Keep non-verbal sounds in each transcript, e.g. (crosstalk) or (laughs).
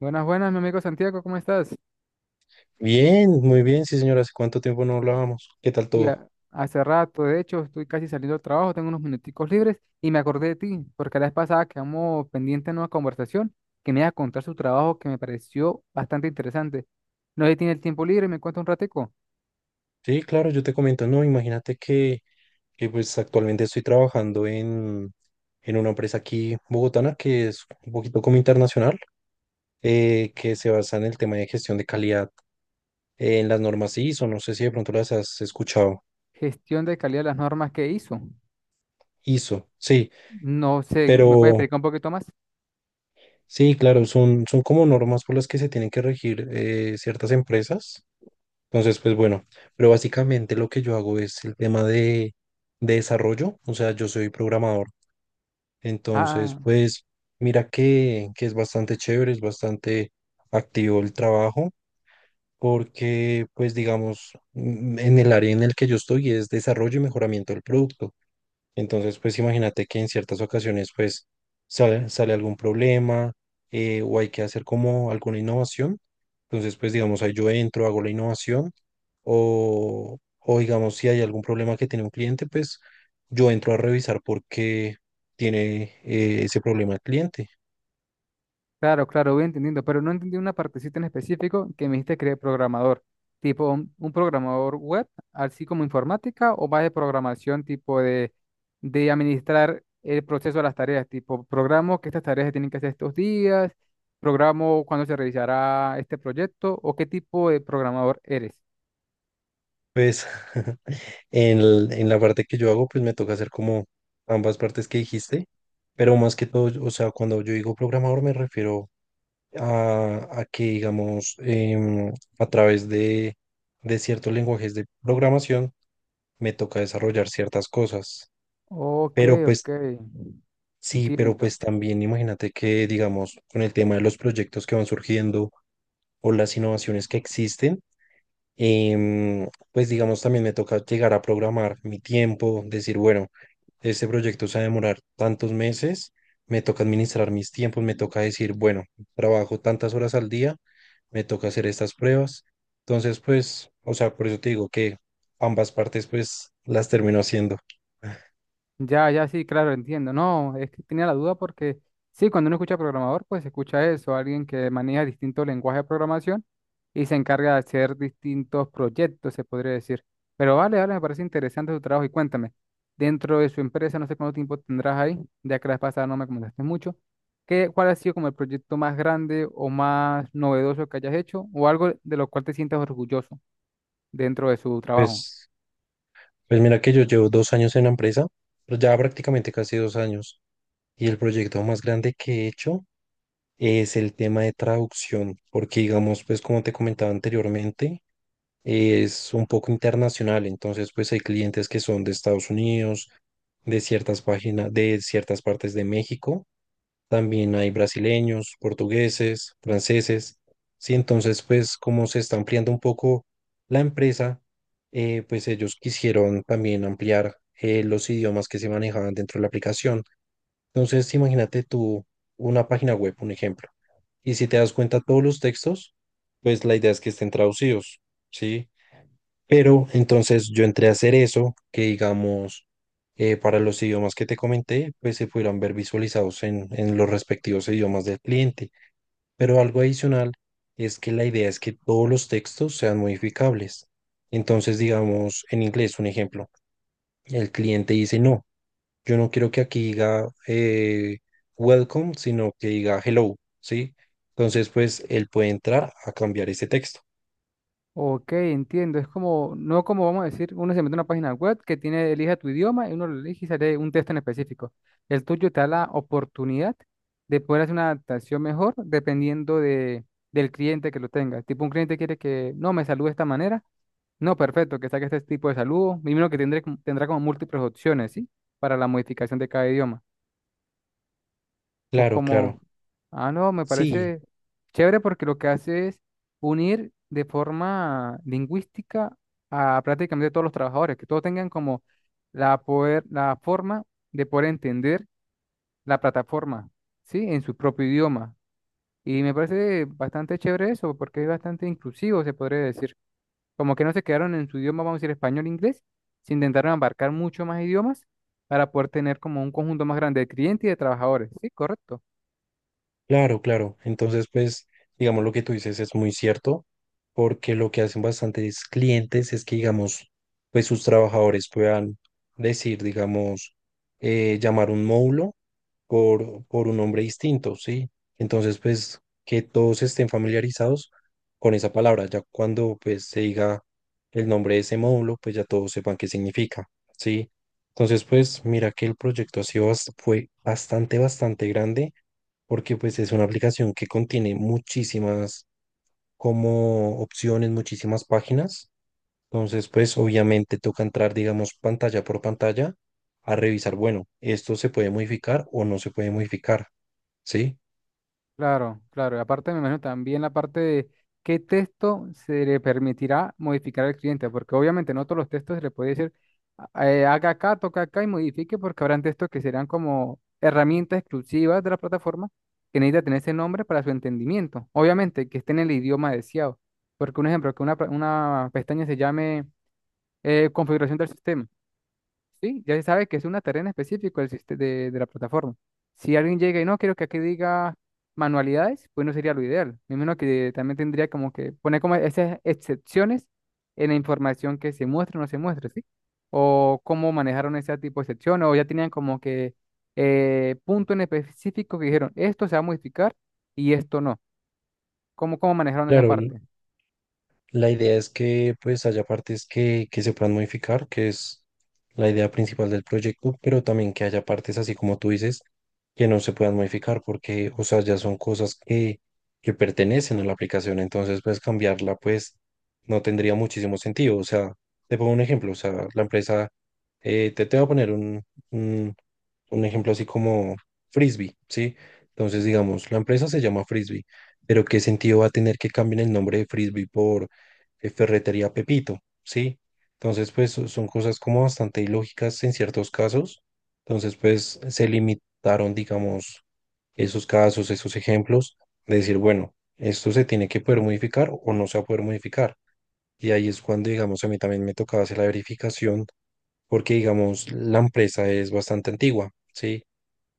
Buenas, buenas, mi amigo Santiago, ¿cómo estás? Bien, muy bien, sí señora, ¿hace cuánto tiempo no hablábamos? ¿Qué tal Uy, todo? Hace rato, de hecho, estoy casi saliendo del trabajo, tengo unos minuticos libres y me acordé de ti, porque la vez pasada quedamos pendientes en una conversación que me iba a contar su trabajo que me pareció bastante interesante. No sé si tiene el tiempo libre y me cuenta un ratico. Sí, claro, yo te comento, no, imagínate que, pues actualmente estoy trabajando en una empresa aquí bogotana que es un poquito como internacional, que se basa en el tema de gestión de calidad, en las normas ISO. No sé si de pronto las has escuchado. Gestión de calidad de las normas que hizo. ISO, sí, No sé, ¿me puedes pero explicar un poquito más? sí, claro, son como normas por las que se tienen que regir ciertas empresas. Entonces, pues bueno, pero básicamente lo que yo hago es el tema de desarrollo, o sea, yo soy programador. Entonces, Ah. pues mira que es bastante chévere, es bastante activo el trabajo, porque pues digamos, en el área en el que yo estoy es desarrollo y mejoramiento del producto. Entonces, pues imagínate que en ciertas ocasiones, pues sale algún problema, o hay que hacer como alguna innovación. Entonces, pues digamos, ahí yo entro, hago la innovación o digamos, si hay algún problema que tiene un cliente, pues yo entro a revisar por qué tiene ese problema el cliente. Claro, claro, voy entendiendo, pero no entendí una partecita en específico que me dijiste que eres programador, tipo un programador web, así como informática, o más de programación, tipo de administrar el proceso de las tareas, tipo programo que estas tareas se tienen que hacer estos días, programo cuándo se realizará este proyecto, o qué tipo de programador eres. Pues (laughs) en la parte que yo hago, pues me toca hacer como ambas partes que dijiste, pero más que todo, o sea, cuando yo digo programador me refiero a que, digamos, a través de ciertos lenguajes de programación me toca desarrollar ciertas cosas. Ok, Pero ok, pues sí, pero entiendo. pues también imagínate que, digamos, con el tema de los proyectos que van surgiendo o las innovaciones que existen, pues digamos, también me toca llegar a programar mi tiempo, decir, bueno, este proyecto se va a demorar tantos meses, me toca administrar mis tiempos, me toca decir, bueno, trabajo tantas horas al día, me toca hacer estas pruebas. Entonces, pues, o sea, por eso te digo que ambas partes, pues, las termino haciendo. Ya, ya, sí, claro, entiendo. No, es que tenía la duda porque sí, cuando uno escucha programador, pues se escucha eso, alguien que maneja distintos lenguajes de programación y se encarga de hacer distintos proyectos, se podría decir. Pero vale, vale, me parece interesante su trabajo y cuéntame, dentro de su empresa, no sé cuánto tiempo tendrás ahí, ya que la vez pasada no me comentaste mucho, ¿qué, cuál ha sido como el proyecto más grande o más novedoso que hayas hecho o algo de lo cual te sientas orgulloso dentro de su trabajo? Pues, pues mira que yo llevo dos años en la empresa, pero ya prácticamente casi dos años, y el proyecto más grande que he hecho es el tema de traducción, porque digamos, pues como te comentaba anteriormente, es un poco internacional, entonces pues hay clientes que son de Estados Unidos, de ciertas páginas, de ciertas partes de México, también hay brasileños, portugueses, franceses, sí, entonces pues como se está ampliando un poco la empresa, pues ellos quisieron también ampliar los idiomas que se manejaban dentro de la aplicación. Entonces, imagínate tú una página web, un ejemplo. Y si te das cuenta, todos los textos, pues la idea es que estén traducidos, ¿sí? Pero entonces yo entré a hacer eso, que digamos, para los idiomas que te comenté, pues se pudieran ver visualizados en los respectivos idiomas del cliente. Pero algo adicional es que la idea es que todos los textos sean modificables. Entonces, digamos, en inglés, un ejemplo, el cliente dice no. Yo no quiero que aquí diga welcome, sino que diga hello, ¿sí? Entonces, pues él puede entrar a cambiar ese texto. Ok, entiendo. Es como, no como vamos a decir, uno se mete a una página web que tiene, elija tu idioma y uno lo elige y sale un texto en específico. El tuyo te da la oportunidad de poder hacer una adaptación mejor dependiendo de, del cliente que lo tenga. Tipo, un cliente quiere que, no, me salude de esta manera. No, perfecto, que saque este tipo de saludo. Mínimo que tendré, tendrá como múltiples opciones, ¿sí? Para la modificación de cada idioma. O Claro, como, claro. ah, no, me Sí. parece chévere porque lo que hace es unir de forma lingüística a prácticamente todos los trabajadores, que todos tengan como la, poder, la forma de poder entender la plataforma, ¿sí? En su propio idioma. Y me parece bastante chévere eso porque es bastante inclusivo, se podría decir. Como que no se quedaron en su idioma, vamos a decir español, e inglés, se intentaron abarcar mucho más idiomas para poder tener como un conjunto más grande de clientes y de trabajadores, ¿sí? Correcto. Claro, claro. Entonces, pues, digamos, lo que tú dices es muy cierto, porque lo que hacen bastantes clientes es que, digamos, pues sus trabajadores puedan decir, digamos, llamar un módulo por un nombre distinto, ¿sí? Entonces, pues, que todos estén familiarizados con esa palabra. Ya cuando, pues, se diga el nombre de ese módulo, pues ya todos sepan qué significa, ¿sí? Entonces, pues, mira que el proyecto ha sido, fue bastante, bastante grande porque pues es una aplicación que contiene muchísimas como opciones, muchísimas páginas. Entonces, pues obviamente toca entrar, digamos, pantalla por pantalla a revisar, bueno, esto se puede modificar o no se puede modificar, ¿sí? Claro, claro. Y aparte, me imagino también la parte de qué texto se le permitirá modificar al cliente, porque obviamente no todos los textos se le puede decir, "Ah, haga acá, toca acá y modifique, porque habrán textos que serán como herramientas exclusivas de la plataforma que necesita tener ese nombre para su entendimiento. Obviamente que esté en el idioma deseado, porque un ejemplo, que una, una pestaña se llame configuración del sistema. Sí, ya se sabe que es una tarea en específico de la plataforma. Si alguien llega y no, quiero que aquí diga manualidades, pues no sería lo ideal. Me imagino que también tendría como que poner como esas excepciones en la información que se muestra o no se muestra, ¿sí? O cómo manejaron ese tipo de excepciones, o ya tenían como que punto en específico que dijeron, esto se va a modificar y esto no. ¿Cómo, cómo manejaron esa Claro, parte? la idea es que pues haya partes que se puedan modificar, que es la idea principal del proyecto, pero también que haya partes, así como tú dices, que no se puedan modificar porque, o sea, ya son cosas que pertenecen a la aplicación, entonces pues cambiarla pues no tendría muchísimo sentido. O sea, te pongo un ejemplo, o sea, la empresa, te voy a poner un, un ejemplo así como Frisbee, ¿sí? Entonces, digamos, la empresa se llama Frisbee, pero ¿qué sentido va a tener que cambien el nombre de Frisbee por Ferretería Pepito, ¿sí? Entonces, pues son cosas como bastante ilógicas en ciertos casos. Entonces, pues se limitaron, digamos, esos casos, esos ejemplos, de decir, bueno, esto se tiene que poder modificar o no se va a poder modificar. Y ahí es cuando, digamos, a mí también me tocaba hacer la verificación, porque, digamos, la empresa es bastante antigua, ¿sí?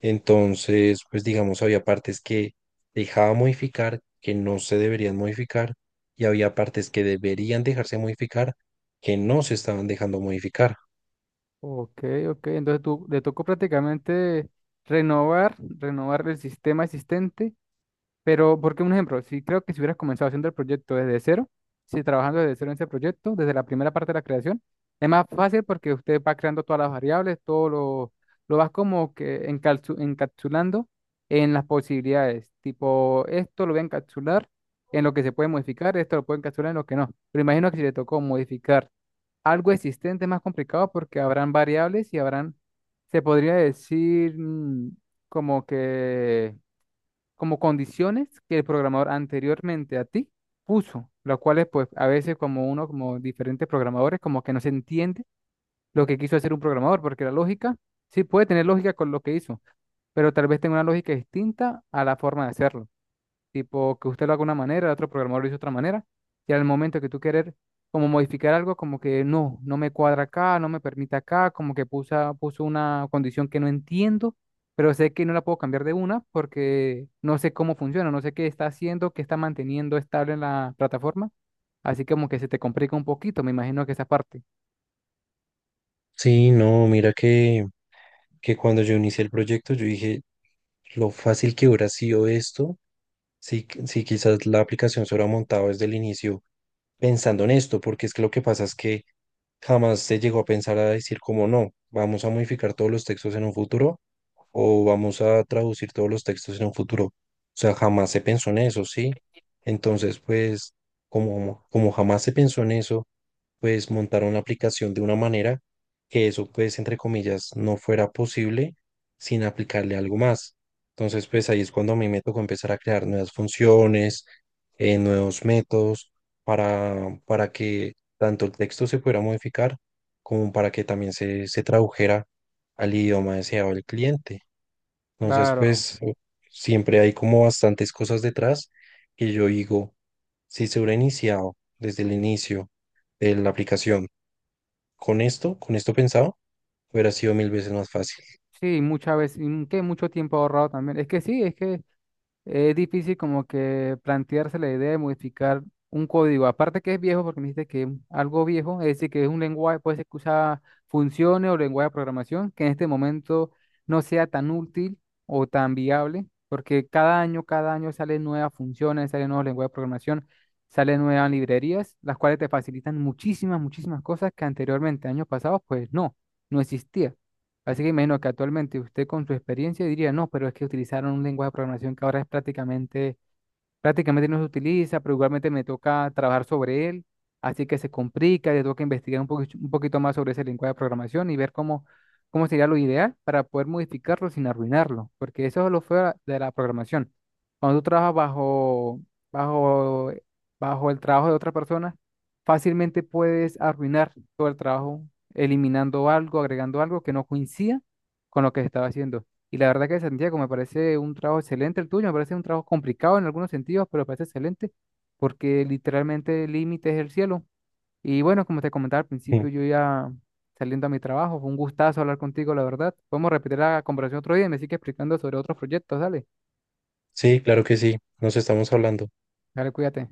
Entonces, pues digamos, había partes que dejaba modificar, que no se deberían modificar, y había partes que deberían dejarse modificar, que no se estaban dejando modificar. Ok, ok, entonces tú, le tocó prácticamente renovar el sistema existente. Pero, porque un ejemplo, si creo que si hubieras comenzado haciendo el proyecto desde cero, si trabajando desde cero en ese proyecto, desde la primera parte de la creación, es más fácil porque usted va creando todas las variables, todo lo vas como que encapsulando en las posibilidades. Tipo, esto lo voy a encapsular en lo que se puede modificar, esto lo puedo encapsular en lo que no. Pero imagino que si le tocó modificar algo existente es más complicado porque habrán variables y habrán, se podría decir, como que como condiciones que el programador anteriormente a ti puso, las cuales pues a veces como uno, como diferentes programadores, como que no se entiende lo que quiso hacer un programador, porque la lógica sí puede tener lógica con lo que hizo, pero tal vez tenga una lógica distinta a la forma de hacerlo tipo que usted lo haga de una manera, el otro programador lo hizo de otra manera, y al momento que tú querer como modificar algo, como que no, no me cuadra acá, no me permite acá, como que puso una condición que no entiendo, pero sé que no la puedo cambiar de una porque no sé cómo funciona, no sé qué está haciendo, qué está manteniendo estable en la plataforma, así como que se te complica un poquito, me imagino que esa parte. Sí, no, mira que cuando yo inicié el proyecto, yo dije, lo fácil que hubiera sido esto, si quizás la aplicación se hubiera montado desde el inicio pensando en esto, porque es que lo que pasa es que jamás se llegó a pensar a decir como no, vamos a modificar todos los textos en un futuro o vamos a traducir todos los textos en un futuro. O sea, jamás se pensó en eso, ¿sí? Entonces, pues, como jamás se pensó en eso, pues montaron la aplicación de una manera que eso, pues, entre comillas, no fuera posible sin aplicarle algo más. Entonces, pues ahí es cuando a mí me tocó empezar a crear nuevas funciones, nuevos métodos para que tanto el texto se pudiera modificar como para que también se tradujera al idioma deseado del cliente. Entonces, Claro. pues, siempre hay como bastantes cosas detrás que yo digo, si se hubiera iniciado desde el inicio de la aplicación, con esto pensado, hubiera sido mil veces más fácil. Sí, muchas veces, que mucho tiempo ahorrado también. Es que sí, es que es difícil como que plantearse la idea de modificar un código. Aparte que es viejo, porque me dijiste que es algo viejo, es decir, que es un lenguaje, puede ser que usa funciones o lenguaje de programación, que en este momento no sea tan útil o tan viable, porque cada año salen nuevas funciones, salen nuevos lenguajes de programación, salen nuevas librerías, las cuales te facilitan muchísimas, muchísimas cosas que anteriormente, años pasados, pues no, no existía. Así que imagino que actualmente usted con su experiencia diría, no, pero es que utilizaron un lenguaje de programación que ahora es prácticamente no se utiliza, pero igualmente me toca trabajar sobre él, así que se complica, le toca investigar un poquito más sobre ese lenguaje de programación y ver cómo, cómo sería lo ideal para poder modificarlo sin arruinarlo, porque eso es lo feo de la programación. Cuando tú trabajas bajo, bajo el trabajo de otra persona, fácilmente puedes arruinar todo el trabajo eliminando algo, agregando algo que no coincida con lo que se estaba haciendo. Y la verdad que Santiago, me parece un trabajo excelente el tuyo, me parece un trabajo complicado en algunos sentidos, pero me parece excelente porque literalmente el límite es el cielo. Y bueno, como te comentaba al Mm. principio, yo ya saliendo a mi trabajo, fue un gustazo hablar contigo, la verdad. Podemos repetir la conversación otro día y me sigue explicando sobre otros proyectos, dale. Sí, claro que sí, nos estamos hablando. Dale, cuídate.